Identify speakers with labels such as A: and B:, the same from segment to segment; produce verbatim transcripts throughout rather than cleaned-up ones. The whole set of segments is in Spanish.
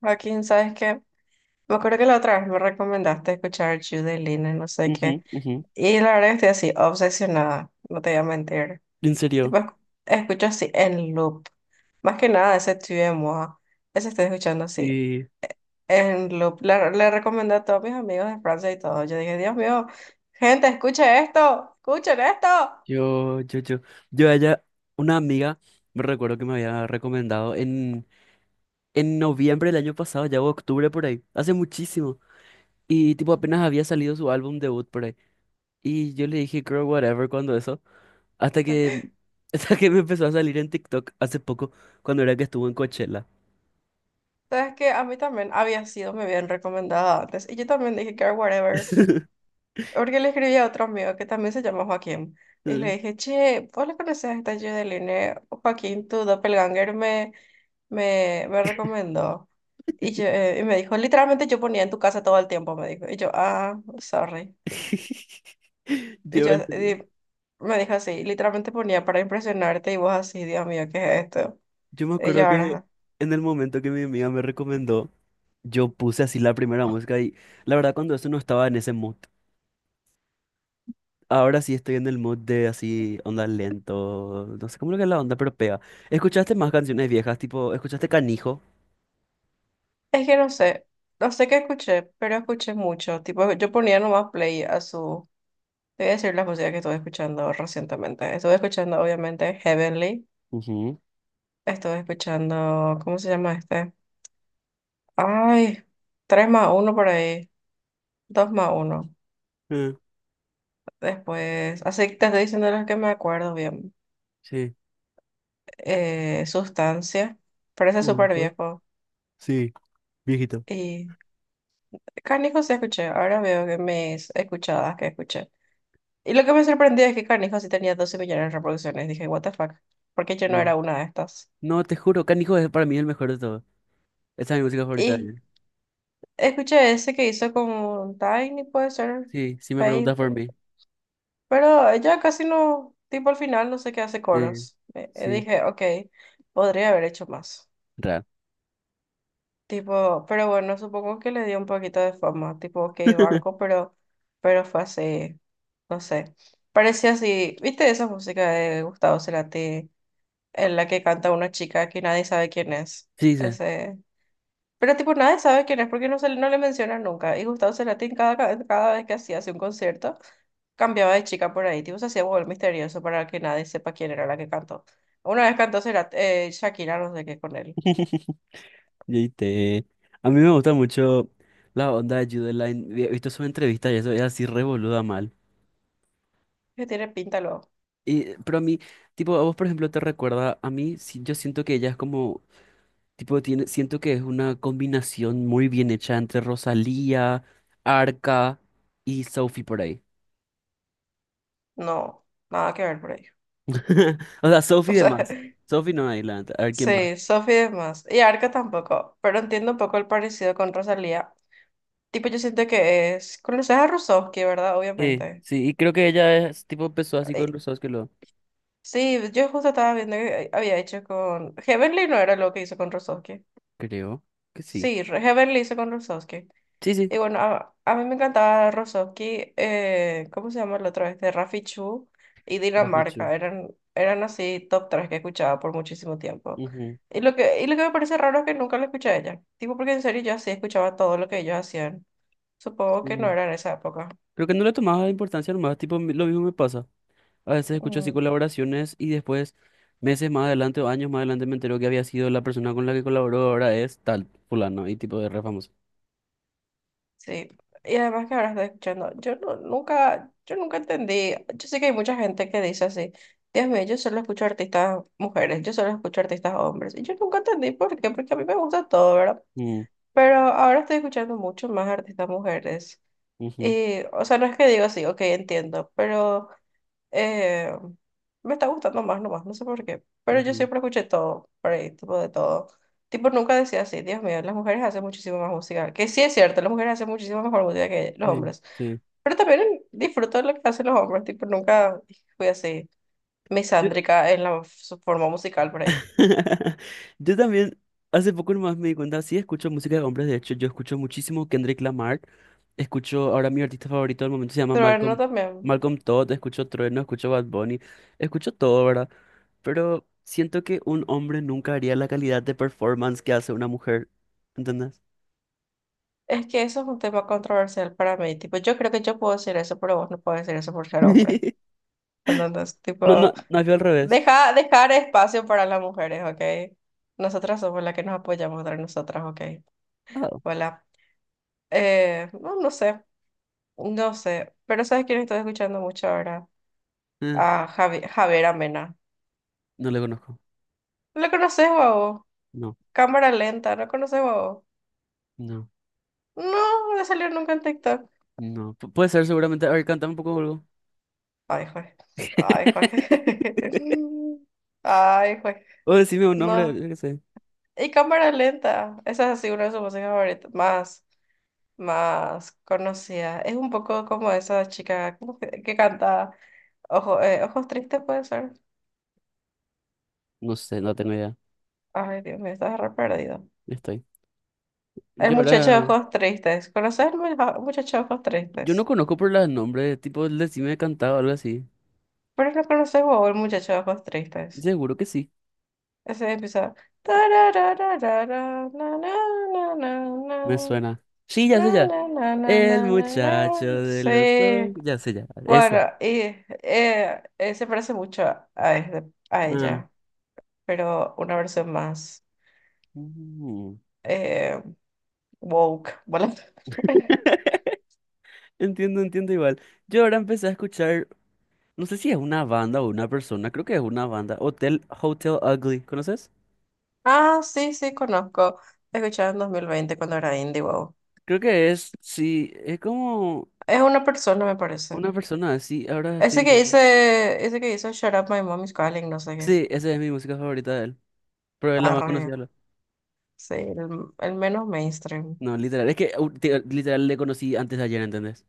A: Joaquín, ¿sabes qué? Me acuerdo que la otra vez me recomendaste escuchar Judy Lina, no sé qué.
B: Ujú, ujú.
A: Y la verdad que estoy así, obsesionada, no te voy a mentir.
B: En serio.
A: Tipo, esc- escucho así en loop. Más que nada ese Tue de Moi, ese estoy escuchando así
B: Y
A: en loop. Le, le recomendé a todos mis amigos de Francia y todo. Yo dije, Dios mío, gente, escuchen esto, escuchen esto.
B: yo, yo, yo, yo a una amiga, me recuerdo que me había recomendado en, en noviembre del año pasado, ya o octubre por ahí, hace muchísimo. Y tipo apenas había salido su álbum debut por ahí. Y yo le dije, girl, whatever, cuando eso. Hasta que, hasta que me empezó a salir en TikTok hace poco, cuando era que estuvo en Coachella.
A: Sabes que a mí también había sido muy bien recomendada antes. Y yo también dije, care whatever. Porque le escribí a otro amigo que también se llama Joaquín. Y le dije, che, ¿vos le conocés a esta Judeline? Joaquín, tu doppelganger me, me, me recomendó. Y, yo, eh, y me dijo, literalmente yo ponía en tu casa todo el tiempo, me dijo. Y yo, ah, sorry. Y
B: Yo,
A: yo
B: en serio,
A: y me dijo así, literalmente ponía para impresionarte y vos así, Dios mío, ¿qué es esto?
B: yo me
A: Y yo
B: acuerdo que
A: ahora,
B: en el momento que mi amiga me recomendó. Yo puse así la primera música y la verdad cuando eso no estaba en ese mood. Ahora sí estoy en el mood de así onda lento, no sé cómo lo que es la onda, pero pega. ¿Escuchaste más canciones viejas? Tipo, ¿escuchaste Canijo?
A: es que no sé, no sé qué escuché, pero escuché mucho. Tipo, yo ponía nomás play a sus. Te voy a decir las músicas que estuve escuchando recientemente. Estuve escuchando, obviamente, Heavenly.
B: Ujú.
A: Estuve escuchando, ¿cómo se llama este? Ay, tres más uno por ahí, dos más uno.
B: Eh,
A: Después, así que te estoy diciendo los que me acuerdo bien.
B: sí.
A: Eh, Sustancia, parece súper
B: Punto.
A: viejo.
B: Sí, viejito.
A: Y Canijo sí escuché, ahora veo que mis escuchadas que escuché. Y lo que me sorprendió es que Canijo sí tenía doce millones de reproducciones. Dije, what the fuck, ¿por qué yo
B: Sí.
A: no era una de estas?
B: No, te juro, Canijo es para mí el mejor de todo. Esa es mi música favorita de
A: Y
B: él.
A: escuché ese que hizo con Tiny, puede ser,
B: Sí, si me preguntas
A: Faith,
B: por mí.
A: pero ella casi no, tipo al final no sé qué hace
B: Sí,
A: coros. Eh, eh,
B: sí.
A: dije, ok, podría haber hecho más.
B: Ra.
A: Tipo, pero bueno, supongo que le dio un poquito de fama, tipo, ok, banco, pero, pero fue así, no sé. Parecía así, ¿viste esa música de Gustavo Cerati en la que canta una chica que nadie sabe quién es?
B: Sí, sé.
A: Ese. Pero tipo nadie sabe quién es porque no, se, le- no le mencionan nunca. Y Gustavo Cerati en cada, ca- cada vez que hacía hacía un concierto cambiaba de chica por ahí. Tipo se hacía volver misterioso para que nadie sepa quién era la que cantó. Una vez cantó Cerati- eh, Shakira, no sé qué con él.
B: Y T. A mí me gusta mucho la onda de Jude Line. He visto sus entrevistas y eso es así revoluda mal.
A: Que tiene pinta lo.
B: Y, pero a mí, tipo, a vos, por ejemplo, te recuerda, a mí sí, yo siento que ella es como, tipo, tiene, siento que es una combinación muy bien hecha entre Rosalía, Arca y Sophie por ahí.
A: No, nada que ver por ahí.
B: O sea, Sophie
A: O
B: de
A: sea,
B: más. Sophie no hay, la, a ver quién más.
A: sí, Sophie es más. Y Arca tampoco. Pero entiendo un poco el parecido con Rosalía. Tipo yo siento que es... Conoces a Rusovsky, ¿verdad?
B: Sí,
A: Obviamente.
B: sí, y creo que ella es, tipo, empezó así con Rosos que lo...
A: Sí, yo justo estaba viendo que eh, había hecho con... Heavenly no era lo que hizo con Rozovsky.
B: Creo que sí.
A: Sí, Re- Heavenly hizo con Rozovsky.
B: Sí, sí.
A: Y bueno, a, a mí me encantaba Rozovsky, eh, ¿cómo se llama el otro? Este, Rafi Chu y
B: Has dicho.
A: Dinamarca. Eran, eran así top tres que escuchaba por muchísimo tiempo.
B: Ujú.
A: Y lo que, y lo que me parece raro es que nunca la escuché a ella. Tipo, porque en serio yo así escuchaba todo lo que ellos hacían. Supongo que no
B: Sí.
A: era en esa época.
B: Creo que no le tomaba importancia nomás, tipo, mi- lo mismo me pasa. A veces escucho así
A: Mm.
B: colaboraciones y después, meses más adelante o años más adelante, me entero que había sido la persona con la que colaboró, ahora es tal, fulano, y tipo de re famoso.
A: Sí, y además que ahora estoy escuchando, yo no, nunca, yo nunca entendí, yo sé que hay mucha gente que dice así, Dios mío, yo solo escucho artistas mujeres, yo solo escucho artistas hombres, y yo nunca entendí por qué, porque a mí me gusta todo, ¿verdad?
B: Mm,
A: Pero ahora estoy escuchando mucho más artistas mujeres,
B: ujú,
A: y, o sea, no es que digo así, ok, entiendo, pero eh, me está gustando más nomás, no sé por qué. Pero yo
B: ujú.
A: siempre escuché todo, por ahí, tipo de todo. Tipo, nunca decía así, Dios mío, las mujeres hacen muchísimo más música. Que sí es cierto, las mujeres hacen muchísimo mejor música que los
B: Sí,
A: hombres.
B: sí.
A: Pero también disfruto de lo que hacen los hombres, tipo, nunca fui así
B: Yo,
A: misándrica en la, su forma musical por ahí.
B: yo también, hace poco nomás me di cuenta, sí escucho música de hombres, de hecho, yo escucho muchísimo Kendrick Lamar. Escucho ahora mi artista favorito del momento se llama
A: Pero no
B: Malcolm,
A: también.
B: Malcolm Todd, escucho Trueno, escucho Bad Bunny, escucho todo, ¿verdad? Pero siento que un hombre nunca haría la calidad de performance que hace una mujer, ¿entendés?
A: Es que eso es un tema controversial para mí. Tipo, yo creo que yo puedo decir eso, pero vos no puedes decir eso por ser hombre. Entonces,
B: No, no,
A: tipo,
B: no vio al revés.
A: Deja, dejar espacio para las mujeres, ¿ok? Nosotras somos las que nos apoyamos entre nosotras, ¿ok?
B: Ah,
A: Hola. Eh, no, no sé, no sé. Pero ¿sabes quién estoy escuchando mucho ahora?
B: eh,
A: A Javi, Javier Amena.
B: no le conozco.
A: ¿Lo conoces, babo?
B: No,
A: Cámara lenta, ¿no conoces, babo?
B: no,
A: No, no salió nunca en TikTok.
B: no. Pu- puede ser seguramente. A ver, cántame un poco algo.
A: Ay, juez. Ay, juez. Ay, juez.
B: O decime un nombre,
A: No.
B: yo qué sé.
A: Y cámara lenta. Esa es así una de sus músicas favoritas. Más. Más conocida. Es un poco como esa chica, ¿cómo que, que canta Ojo- eh, Ojos Tristes, puede ser?
B: No sé, no tengo idea.
A: Ay, Dios mío, estás re perdido.
B: Estoy.
A: El
B: Yo
A: muchacho de
B: ahora.
A: ojos tristes. ¿Conoces el mu- ja- muchacho de ojos
B: Yo no
A: tristes?
B: conozco por los nombres, tipo, el decime cantado o algo así.
A: Pero no conoces vos el muchacho de ojos tristes.
B: Seguro que sí,
A: Ese empieza. "Tararararara, na, na, na, na,
B: me suena. Sí, ya sé
A: na,
B: ya.
A: na, na, na, na,
B: El
A: na, na, na".
B: muchacho de los ojos.
A: Sí.
B: Ya sé ya. Vale,
A: Bueno,
B: eso.
A: y eh, eh, se parece mucho a, este- a
B: Ah.
A: ella, pero una versión más,
B: Mm.
A: eh, woke, bueno.
B: Entiendo, entiendo igual. Yo ahora empecé a escuchar, no sé si es una banda o una persona, creo que es una banda, Hotel, Hotel Ugly, ¿conoces?
A: Ah, sí, sí, conozco. Escuchaba en dos mil veinte cuando era indie, wow.
B: Creo que es, sí, es como
A: Es una persona, me parece.
B: una persona, sí ahora estoy
A: Ese que
B: leyendo.
A: dice, ese que hizo Shut Up, My Mom is Calling, no sé qué.
B: Sí, esa es mi música favorita de él, pero es la más
A: Arre,
B: conocida. La-
A: sí, el, el menos mainstream.
B: No, literal, es que uh, te- literal le conocí antes de ayer, ¿entendés?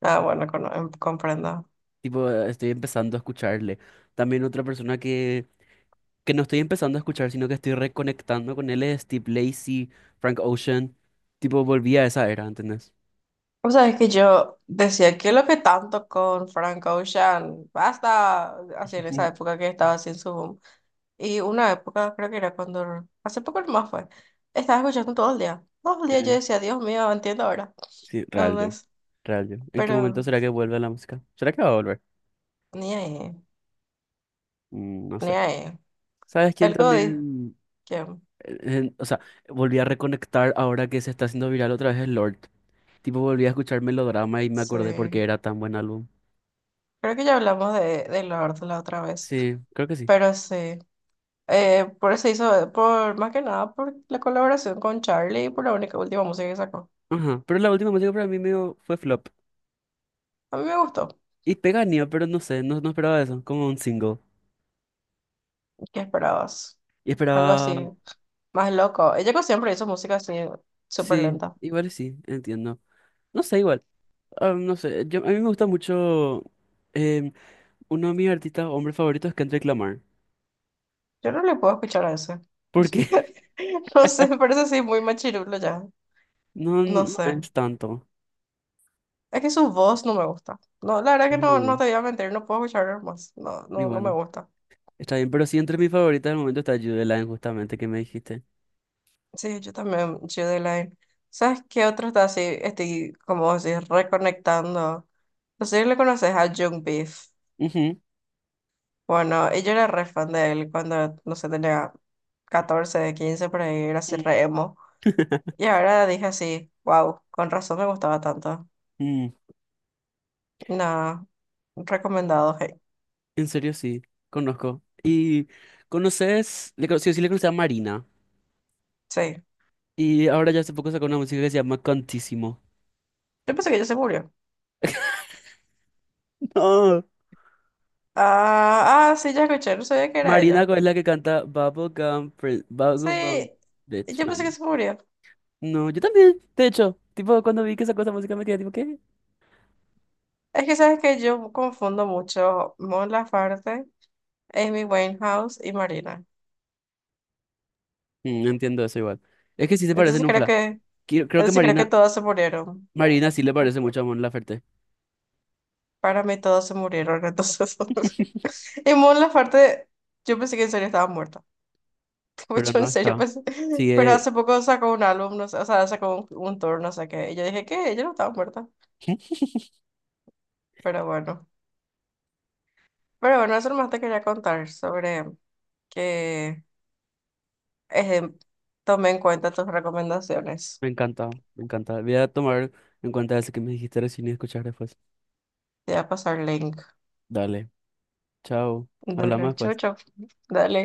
A: Ah, bueno, cono- em- comprendo.
B: Tipo, estoy empezando a escucharle. También otra persona que, que no estoy empezando a escuchar, sino que estoy reconectando con él es Steve Lacy, Frank Ocean. Tipo, volví a esa era, ¿entendés?
A: O sea, es que yo decía, ¿qué es lo que tanto con Frank Ocean? Basta, así en
B: Mm.
A: esa época que estaba así en su. Y una época, creo que era cuando, hace poco más fue, estaba escuchando todo el día. Todo el día yo
B: Sí,
A: decía, Dios mío, entiendo ahora.
B: Sí, real yo,
A: Entonces,
B: real yo. ¿En qué momento
A: pero
B: será que vuelve la música? ¿Será que va a volver?
A: ni ahí,
B: Mm, no
A: ni
B: sé.
A: ahí.
B: ¿Sabes quién
A: El Godis,
B: también?
A: que
B: Eh, eh, o sea, volví a reconectar ahora que se está haciendo viral otra vez el Lord. Tipo, volví a escuchar Melodrama y me
A: sí.
B: acordé por qué era tan buen álbum.
A: Creo que ya hablamos de, de Lord la otra vez,
B: Sí, creo que sí.
A: pero sí. Eh, por eso hizo, por más que nada, por la colaboración con Charlie y por la única última música que sacó.
B: Ajá. Pero la última música para mí medio fue flop.
A: A mí me gustó.
B: Y peganía, pero no sé, no, no esperaba eso, como un single.
A: ¿Qué esperabas?
B: Y
A: Algo
B: esperaba,
A: así, más loco. Ella que siempre hizo música así, súper
B: sí,
A: lenta.
B: igual y sí, entiendo. No sé, igual, ah, no sé, yo, a mí me gusta mucho, em, uno de mis artistas, hombres favoritos es Kendrick Lamar,
A: Yo no le puedo escuchar a ese.
B: porque
A: No sé, me parece así muy machirulo ya.
B: no, no,
A: No
B: no
A: sé.
B: es tanto.
A: Es que su voz no me gusta. No, la verdad que no, no
B: No.
A: te voy a mentir, no puedo escuchar más. No,
B: Y
A: no, no me
B: bueno,
A: gusta.
B: está bien, pero sí entre mis favoritas del momento está Judy Line, justamente, que me dijiste.
A: Sí, yo también, Line. ¿Sabes qué otro está así? Estoy como así reconectando. No sé si le conoces a Jung Beef.
B: Ujú,
A: Bueno, y yo era re fan de él cuando, no sé, tenía catorce quince por ahí, era así
B: mm.
A: re emo. Y ahora dije así, wow, con razón me gustaba tanto.
B: Mm.
A: Nada, recomendado, hey.
B: En serio, sí, conozco. ¿Y conoces, le, cono- sí, sí le conocí a Marina?
A: Sí.
B: Y ahora ya hace poco sacó una música que se llama Cantísimo.
A: Yo pensé que ella se murió.
B: No.
A: Ah, ah, sí, ya escuché, no sabía que era
B: Marina
A: ella.
B: es la que canta Bubblegum Prin- Bubblegum
A: Sí,
B: Bitch,
A: yo pensé
B: Mama.
A: que se murió.
B: No, yo también, de hecho, tipo, cuando vi que sacó esa música me quedé tipo, ¿qué?
A: Es que sabes que yo confundo mucho Mon Laferte, Amy Winehouse y Marina.
B: Mm, no entiendo eso igual. Es que sí se parecen
A: Entonces
B: un
A: creo
B: fla.
A: que,
B: Qui- Creo que
A: entonces creo que
B: Marina,
A: todas se murieron.
B: Marina sí le parece mucho a Mon Laferte,
A: Para mí todas se murieron, entonces. Y Mon Laferte, yo pensé que en serio estaba muerta.
B: pero
A: Yo en
B: no
A: serio
B: está.
A: pensé. Pero
B: Sigue,
A: hace poco sacó un álbum, no sé, o sea, sacó un, un tour, no sé qué. Y yo dije que ella no estaba muerta. Pero bueno, pero bueno, eso más te quería contar sobre que eh, tomé en cuenta tus recomendaciones.
B: me encanta, me encanta. Voy a tomar en cuenta eso que me dijiste recién y escuchar después.
A: Te voy a pasar link.
B: Dale, chao. Hablamos
A: Dale, chau,
B: después.
A: chau. Dale.